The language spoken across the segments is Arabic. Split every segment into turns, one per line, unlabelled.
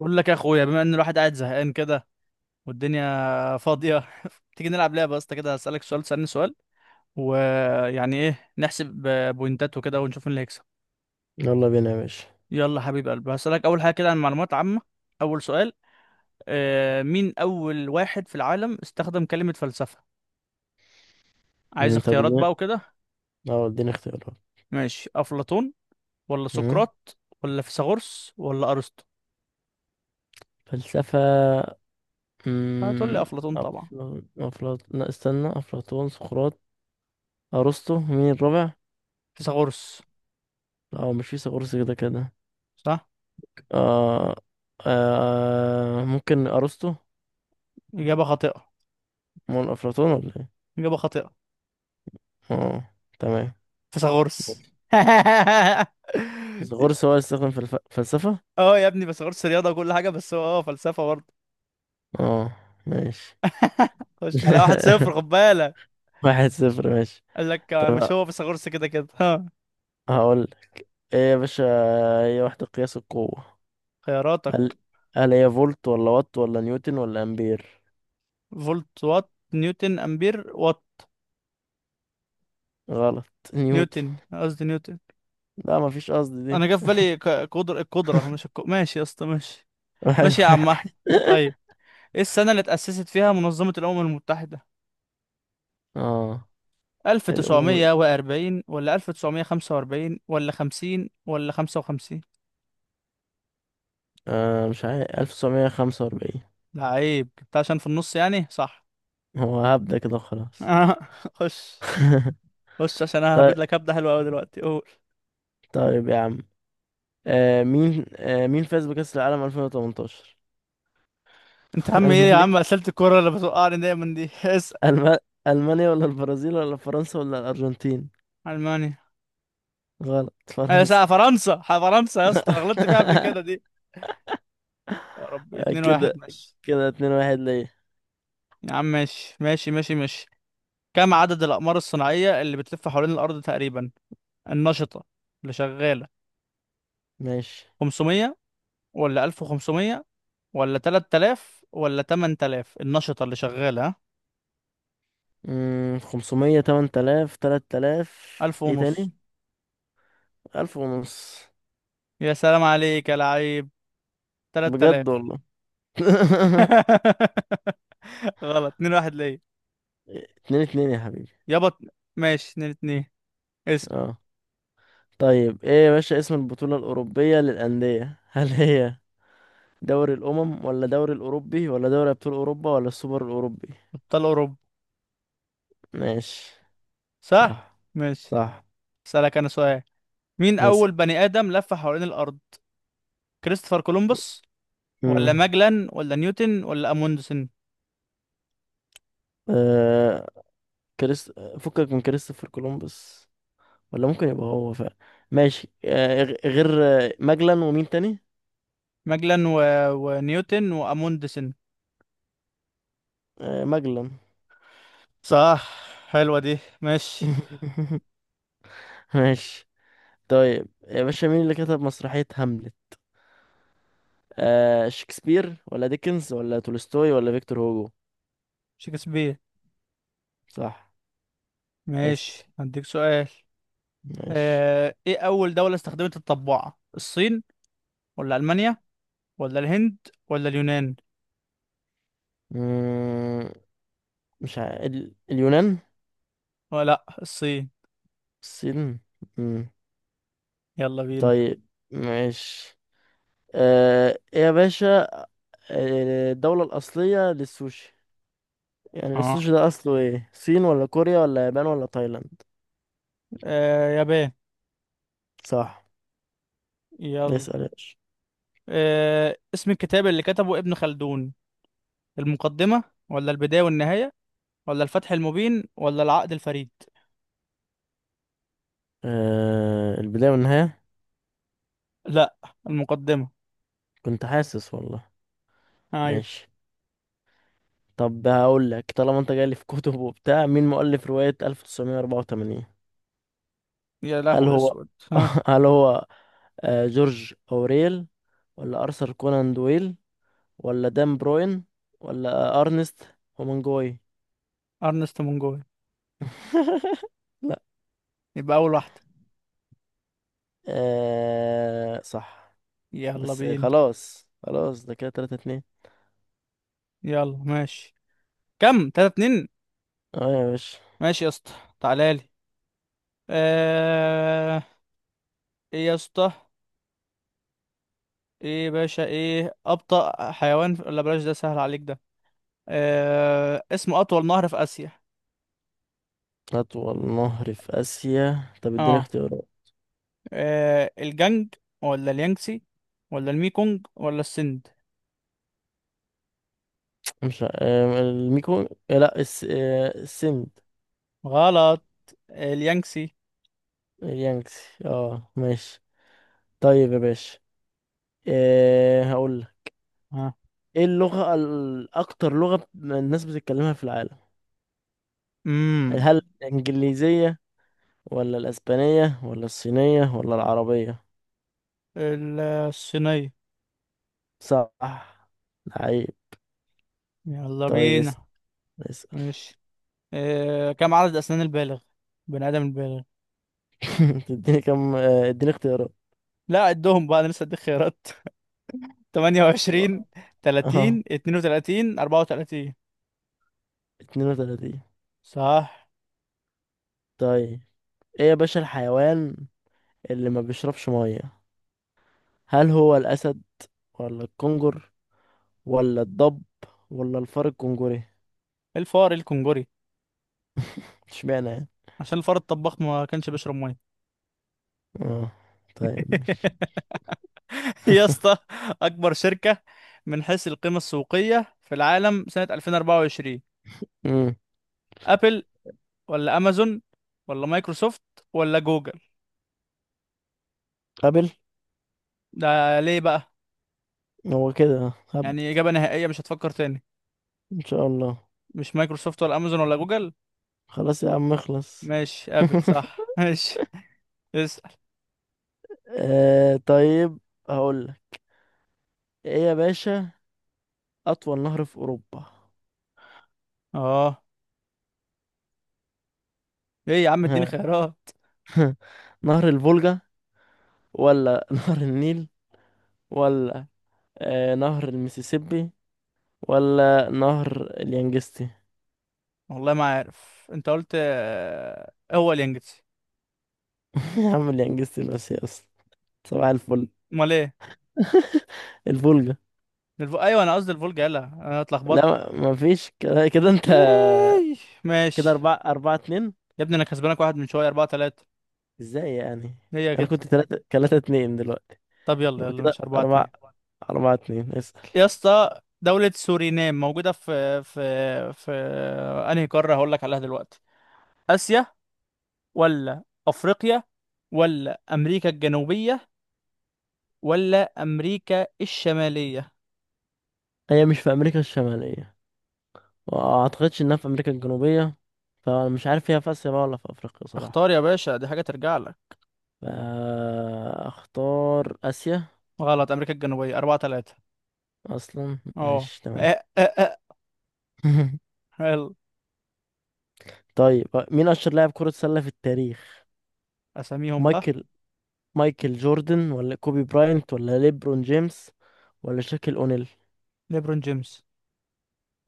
بقول لك يا اخويا، بما ان الواحد قاعد زهقان كده والدنيا فاضيه. تيجي نلعب لعبه يا اسطى، كده هسألك سؤال تسألني سؤال ويعني ايه نحسب بوينتات وكده ونشوف مين اللي هيكسب.
يلا بينا يا باشا.
يلا حبيب قلبي، هسألك اول حاجه كده عن معلومات عامه. اول سؤال، مين اول واحد في العالم استخدم كلمه فلسفه؟ عايز
طب
اختيارات
اديني
بقى وكده.
اه اديني اختيارات.
ماشي، افلاطون ولا
مم،
سقراط ولا فيثاغورس ولا ارسطو؟
فلسفة.
هتقول لي
مم،
افلاطون طبعا.
أفل- أفلاط لا، استنى. أفلاطون، سقراط، أرسطو، مين الرابع؟
فيثاغورس
لا، هو مش في سقراط كده كده.
صح.
آه. ممكن أرسطو.
اجابه خاطئه.
مول أفلاطون ولا ايه؟
اجابه خاطئه.
اه، تمام.
فيثاغورس.
سقراط هو اللي استخدم فلسفة؟
اه يا ابني، فيثاغورس رياضه وكل حاجه، بس هو فلسفه برضه.
اه، ماشي.
خش على واحد صفر، خد بالك.
1-0، ماشي.
قال لك آه،
طب،
مش هو فيثاغورس كده كده، ها.
هقول ايه يا باشا. هي وحدة قياس القوة.
خياراتك:
هل هل هي فولت ولا وات ولا نيوتن ولا امبير؟
فولت، وات، نيوتن، امبير. وات.
غلط. نيوتن.
نيوتن، قصدي نيوتن.
لا، مفيش قصد دي.
انا جه في بالي قدر القدره، مش الك... ماشي يا اسطى، ماشي.
واحد
ماشي يا عم احمد.
واحد
طيب، ايه السنه اللي اتاسست فيها منظمه الامم المتحده؟
اه الأمم.
1940 ولا 1945 ولا 50 ولا 55؟
مش عارف، 1945.
لعيب، جبتها عشان في النص يعني. صح.
هو هبدأ كده، خلاص.
آه. خش. خش عشان انا
طيب،
هبيد لك هبدة حلوة قوي دلوقتي، قول.
طيب يا عم. مين فاز بكأس العالم 2018؟
انت عم ايه يا عم،
ألمانيا.
اسئلة الكورة اللي بتوقعني دايما دي. اسأل.
ألم... ألمانيا ولا البرازيل ولا فرنسا ولا الأرجنتين؟
المانيا.
غلط،
انا
فرنسا.
سأ فرنسا، فرنسا يا اسطى، أنا غلطت فيها قبل كده دي. يا ربي، اتنين واحد
كده
ماشي.
كده 2-1 ليا.
يا عم ماشي ماشي ماشي ماشي. كم عدد الأقمار الصناعية اللي بتلف حوالين الأرض تقريبا، النشطة اللي شغالة؟
ماشي.
500 ولا 1500 ولا 3000 ولا 8000؟ النشطة اللي شغالة، ها.
500، 8000، 3000.
1000
ايه
ونص.
تاني. 1000 ونص.
يا سلام عليك يا لعيب.
بجد
3000.
والله.
غلط، 2 1 ليا.
2-2 يا حبيبي.
يابا. ماشي 2 2. اسأل.
اه طيب، ايه يا باشا، اسم البطولة الأوروبية للأندية. هل هي دوري الأمم ولا دوري الأوروبي ولا دوري أبطال أوروبا ولا السوبر الأوروبي؟
ابطال اوروبا.
ماشي.
صح.
صح.
ماشي.
صح.
اسألك انا سؤال، مين
نسى.
اول بني ادم لف حوالين الارض؟ كريستوفر كولومبوس ولا
امم
ماجلان ولا نيوتن ولا اموندسن؟
آه كريست فكك من كريستوفر كولومبوس، ولا ممكن يبقى هو فعلا. ماشي. غير، ماجلان ومين تاني.
ماجلان ونيوتن واموندسن.
مجلا.
صح، حلوة دي. ماشي.
ماشي. طيب يا باشا، مين اللي كتب مسرحية هاملت؟ شكسبير ولا ديكنز ولا تولستوي ولا فيكتور هوجو؟
شكسبير.
صح. اسأل.
ماشي، هديك سؤال.
ماشي.
ايه اول دولة استخدمت الطباعة، الصين ولا المانيا ولا الهند ولا اليونان؟
مم، مش اليونان.
ولا لأ، الصين.
الصين. مم.
يلا بينا.
طيب. ماشي. إيه يا باشا. الدولة الأصلية للسوشي. يعني
اه،
السوشي ده أصله إيه، الصين ولا كوريا ولا يابان ولا تايلاند؟
يابان.
صح.
يلا.
اسأل يا باشا.
اسم الكتاب اللي كتبه ابن خلدون، المقدمة ولا البداية والنهاية ولا الفتح المبين ولا العقد الفريد؟
البداية والنهاية.
لا، المقدمة.
كنت حاسس والله.
ايوه.
ماشي. طب، هقول لك، طالما انت جاي لي في كتب وبتاع، مين مؤلف رواية 1984؟
يا
هل
لهو
هو.
اسود، ها.
هل هو. جورج اوريل ولا ارثر كونان دويل ولا دان بروين ولا ارنست هومنجوي؟
ارنست منجوي.
لا.
يبقى اول واحدة.
صح.
يلا
بس
بينا.
خلاص، خلاص، ده كده 3 2.
يلا ماشي، كم؟ تلاتة اتنين.
اه يا باشا،
ماشي يا اسطى، تعالى لي. آه ايه يا اسطى، ايه يا باشا، ايه ابطأ حيوان في... لا، بلاش ده سهل عليك ده. اسمه اطول نهر في اسيا.
اطول نهر في اسيا. طب اديني
اه,
اختيارات.
الجنج ولا اليانجسي ولا الميكونج ولا السند؟
مش لا، السند.
غلط، اليانجسي.
اليانكسي. اه ماشي. طيب يا باشا، إيه هقول لك.
ها،
ايه اللغة اكتر لغة الناس بتتكلمها في العالم؟
امم
هل الانجليزية ولا الاسبانية ولا الصينية ولا العربية؟
الصينية.
صح. لعيب.
يلا
طيب،
بينا.
اسأل. اسأل.
ماشي، كم عدد اسنان البالغ، بني ادم البالغ؟
تديني كم. اديني اختيارات.
لا، عدهم بقى، انا لسه اديك خيارات. 28،
طب- اه
30، 32، 34.
32.
صح.
طيب، ايه يا باشا، الحيوان اللي ما بيشربش مية. هل هو الاسد ولا الكنجر ولا الضب ولا الفار الكنجري؟
الفار الكنجري.
اشمعنى يعني.
عشان الفار الطباخ ما كانش بيشرب ميه.
اه طيب، ماشي.
يا اسطى، اكبر شركه من حيث القيمه السوقيه في العالم سنه 2024،
امم
ابل ولا امازون ولا مايكروسوفت ولا جوجل؟
قابل.
ده ليه بقى؟
هو كده هب.
يعني اجابه نهائيه، مش هتفكر تاني؟
ان شاء الله.
مش مايكروسوفت ولا امازون ولا جوجل.
خلاص يا عم، اخلص.
ماشي، ابل صح. ماشي. اسال.
طيب، هقول لك. ايه يا باشا، اطول نهر في اوروبا.
اه ايه يا عم، اديني
ها.
خيارات.
نهر الفولجا ولا نهر النيل ولا نهر المسيسيبي ولا نهر اليانجستي؟
والله ما عارف، انت قلت آه، هو اليانجتسي.
يا عم، اليانجستي الاسيوي اصلا. صباح الفل.
امال ايه؟
الفولجا.
ايوه، انا قصدي الفولجا، يلا انا اتلخبطت.
لا، ما فيش كده كده انت.
إيه؟
كده
ماشي.
اربعة اربعة اتنين.
يا ابني انا كسبانك واحد من شويه، اربعة تلاتة.
ازاي يعني.
هي
انا
كده.
كنت تلاتة تلاتة اتنين دلوقتي.
طب، يلا
يبقى
يلا
كده
ماشي، اربعة
اربعة
اتنين.
اربعة اتنين. اسأل.
يا اسطى، دولة سورينام موجودة في انهي قارة، هقول لك عليها دلوقتي؟ اسيا ولا افريقيا ولا امريكا الجنوبية ولا امريكا الشمالية؟
هي مش في امريكا الشمالية، وما اعتقدش انها في امريكا الجنوبية. فانا مش عارف هي في اسيا بقى ولا في افريقيا صراحة.
اختار يا باشا، دي حاجة ترجع لك.
فاختار اسيا.
غلط، امريكا الجنوبية، اربعة تلاتة.
اصلا.
اه.
ماشي، تمام.
آه، آه، آه. يلا.
طيب، مين اشهر لاعب كرة سلة في التاريخ؟
اساميهم بقى.
مايكل مايكل جوردن ولا كوبي براينت ولا ليبرون جيمس ولا شاكيل اونيل؟
ليبرون جيمس.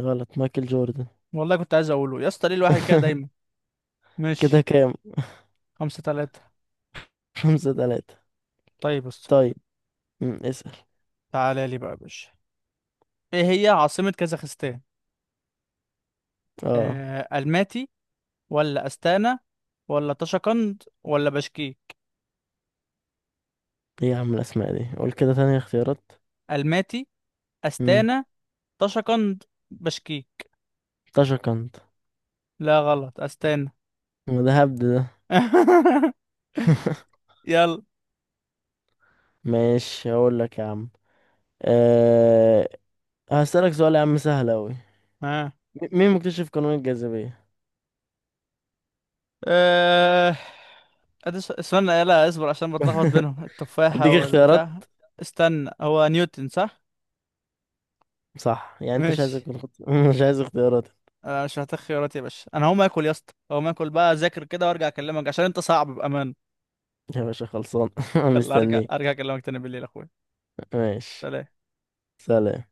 غلط، مايكل جوردن.
والله كنت عايز اقوله، يا اسطى ليه الواحد كده دايما.
كده
ماشي.
كام.
خمسة تلاتة.
5-3.
طيب، بص.
طيب. مم. اسأل.
تعالى لي بقى يا باشا، ايه هي عاصمة كازاخستان؟
اه
الماتي ولا استانا ولا طشقند ولا بشكي؟
ايه يا عم، الأسماء دي قول كده تاني اختيارات.
الماتي،
مم.
استانا، طشقند، بشكي.
طشقنط.
لا، غلط، استانا.
ما ده هبد ده.
يلا.
ماشي، هقول لك يا عم. أه... هسألك سؤال يا عم، سهل أوي.
ها.
مين مكتشف قانون الجاذبية؟
آه. استنى، لا اصبر عشان بتلخبط بينهم التفاحة
أديك اختيارات.
والبتاع. استنى، هو نيوتن صح؟
صح، يعني أنت مش عايز
ماشي.
تكون مش عايز اختيارات.
انا مش محتاج خيارات يا باشا، انا هقوم اكل يا اسطى، هقوم اكل بقى اذاكر كده وارجع اكلمك عشان انت صعب بامان.
يا باشا خلصان.
يلا، ارجع
مستنيك.
اكلمك تاني بالليل يا اخويا.
ماشي.
سلام.
سلام.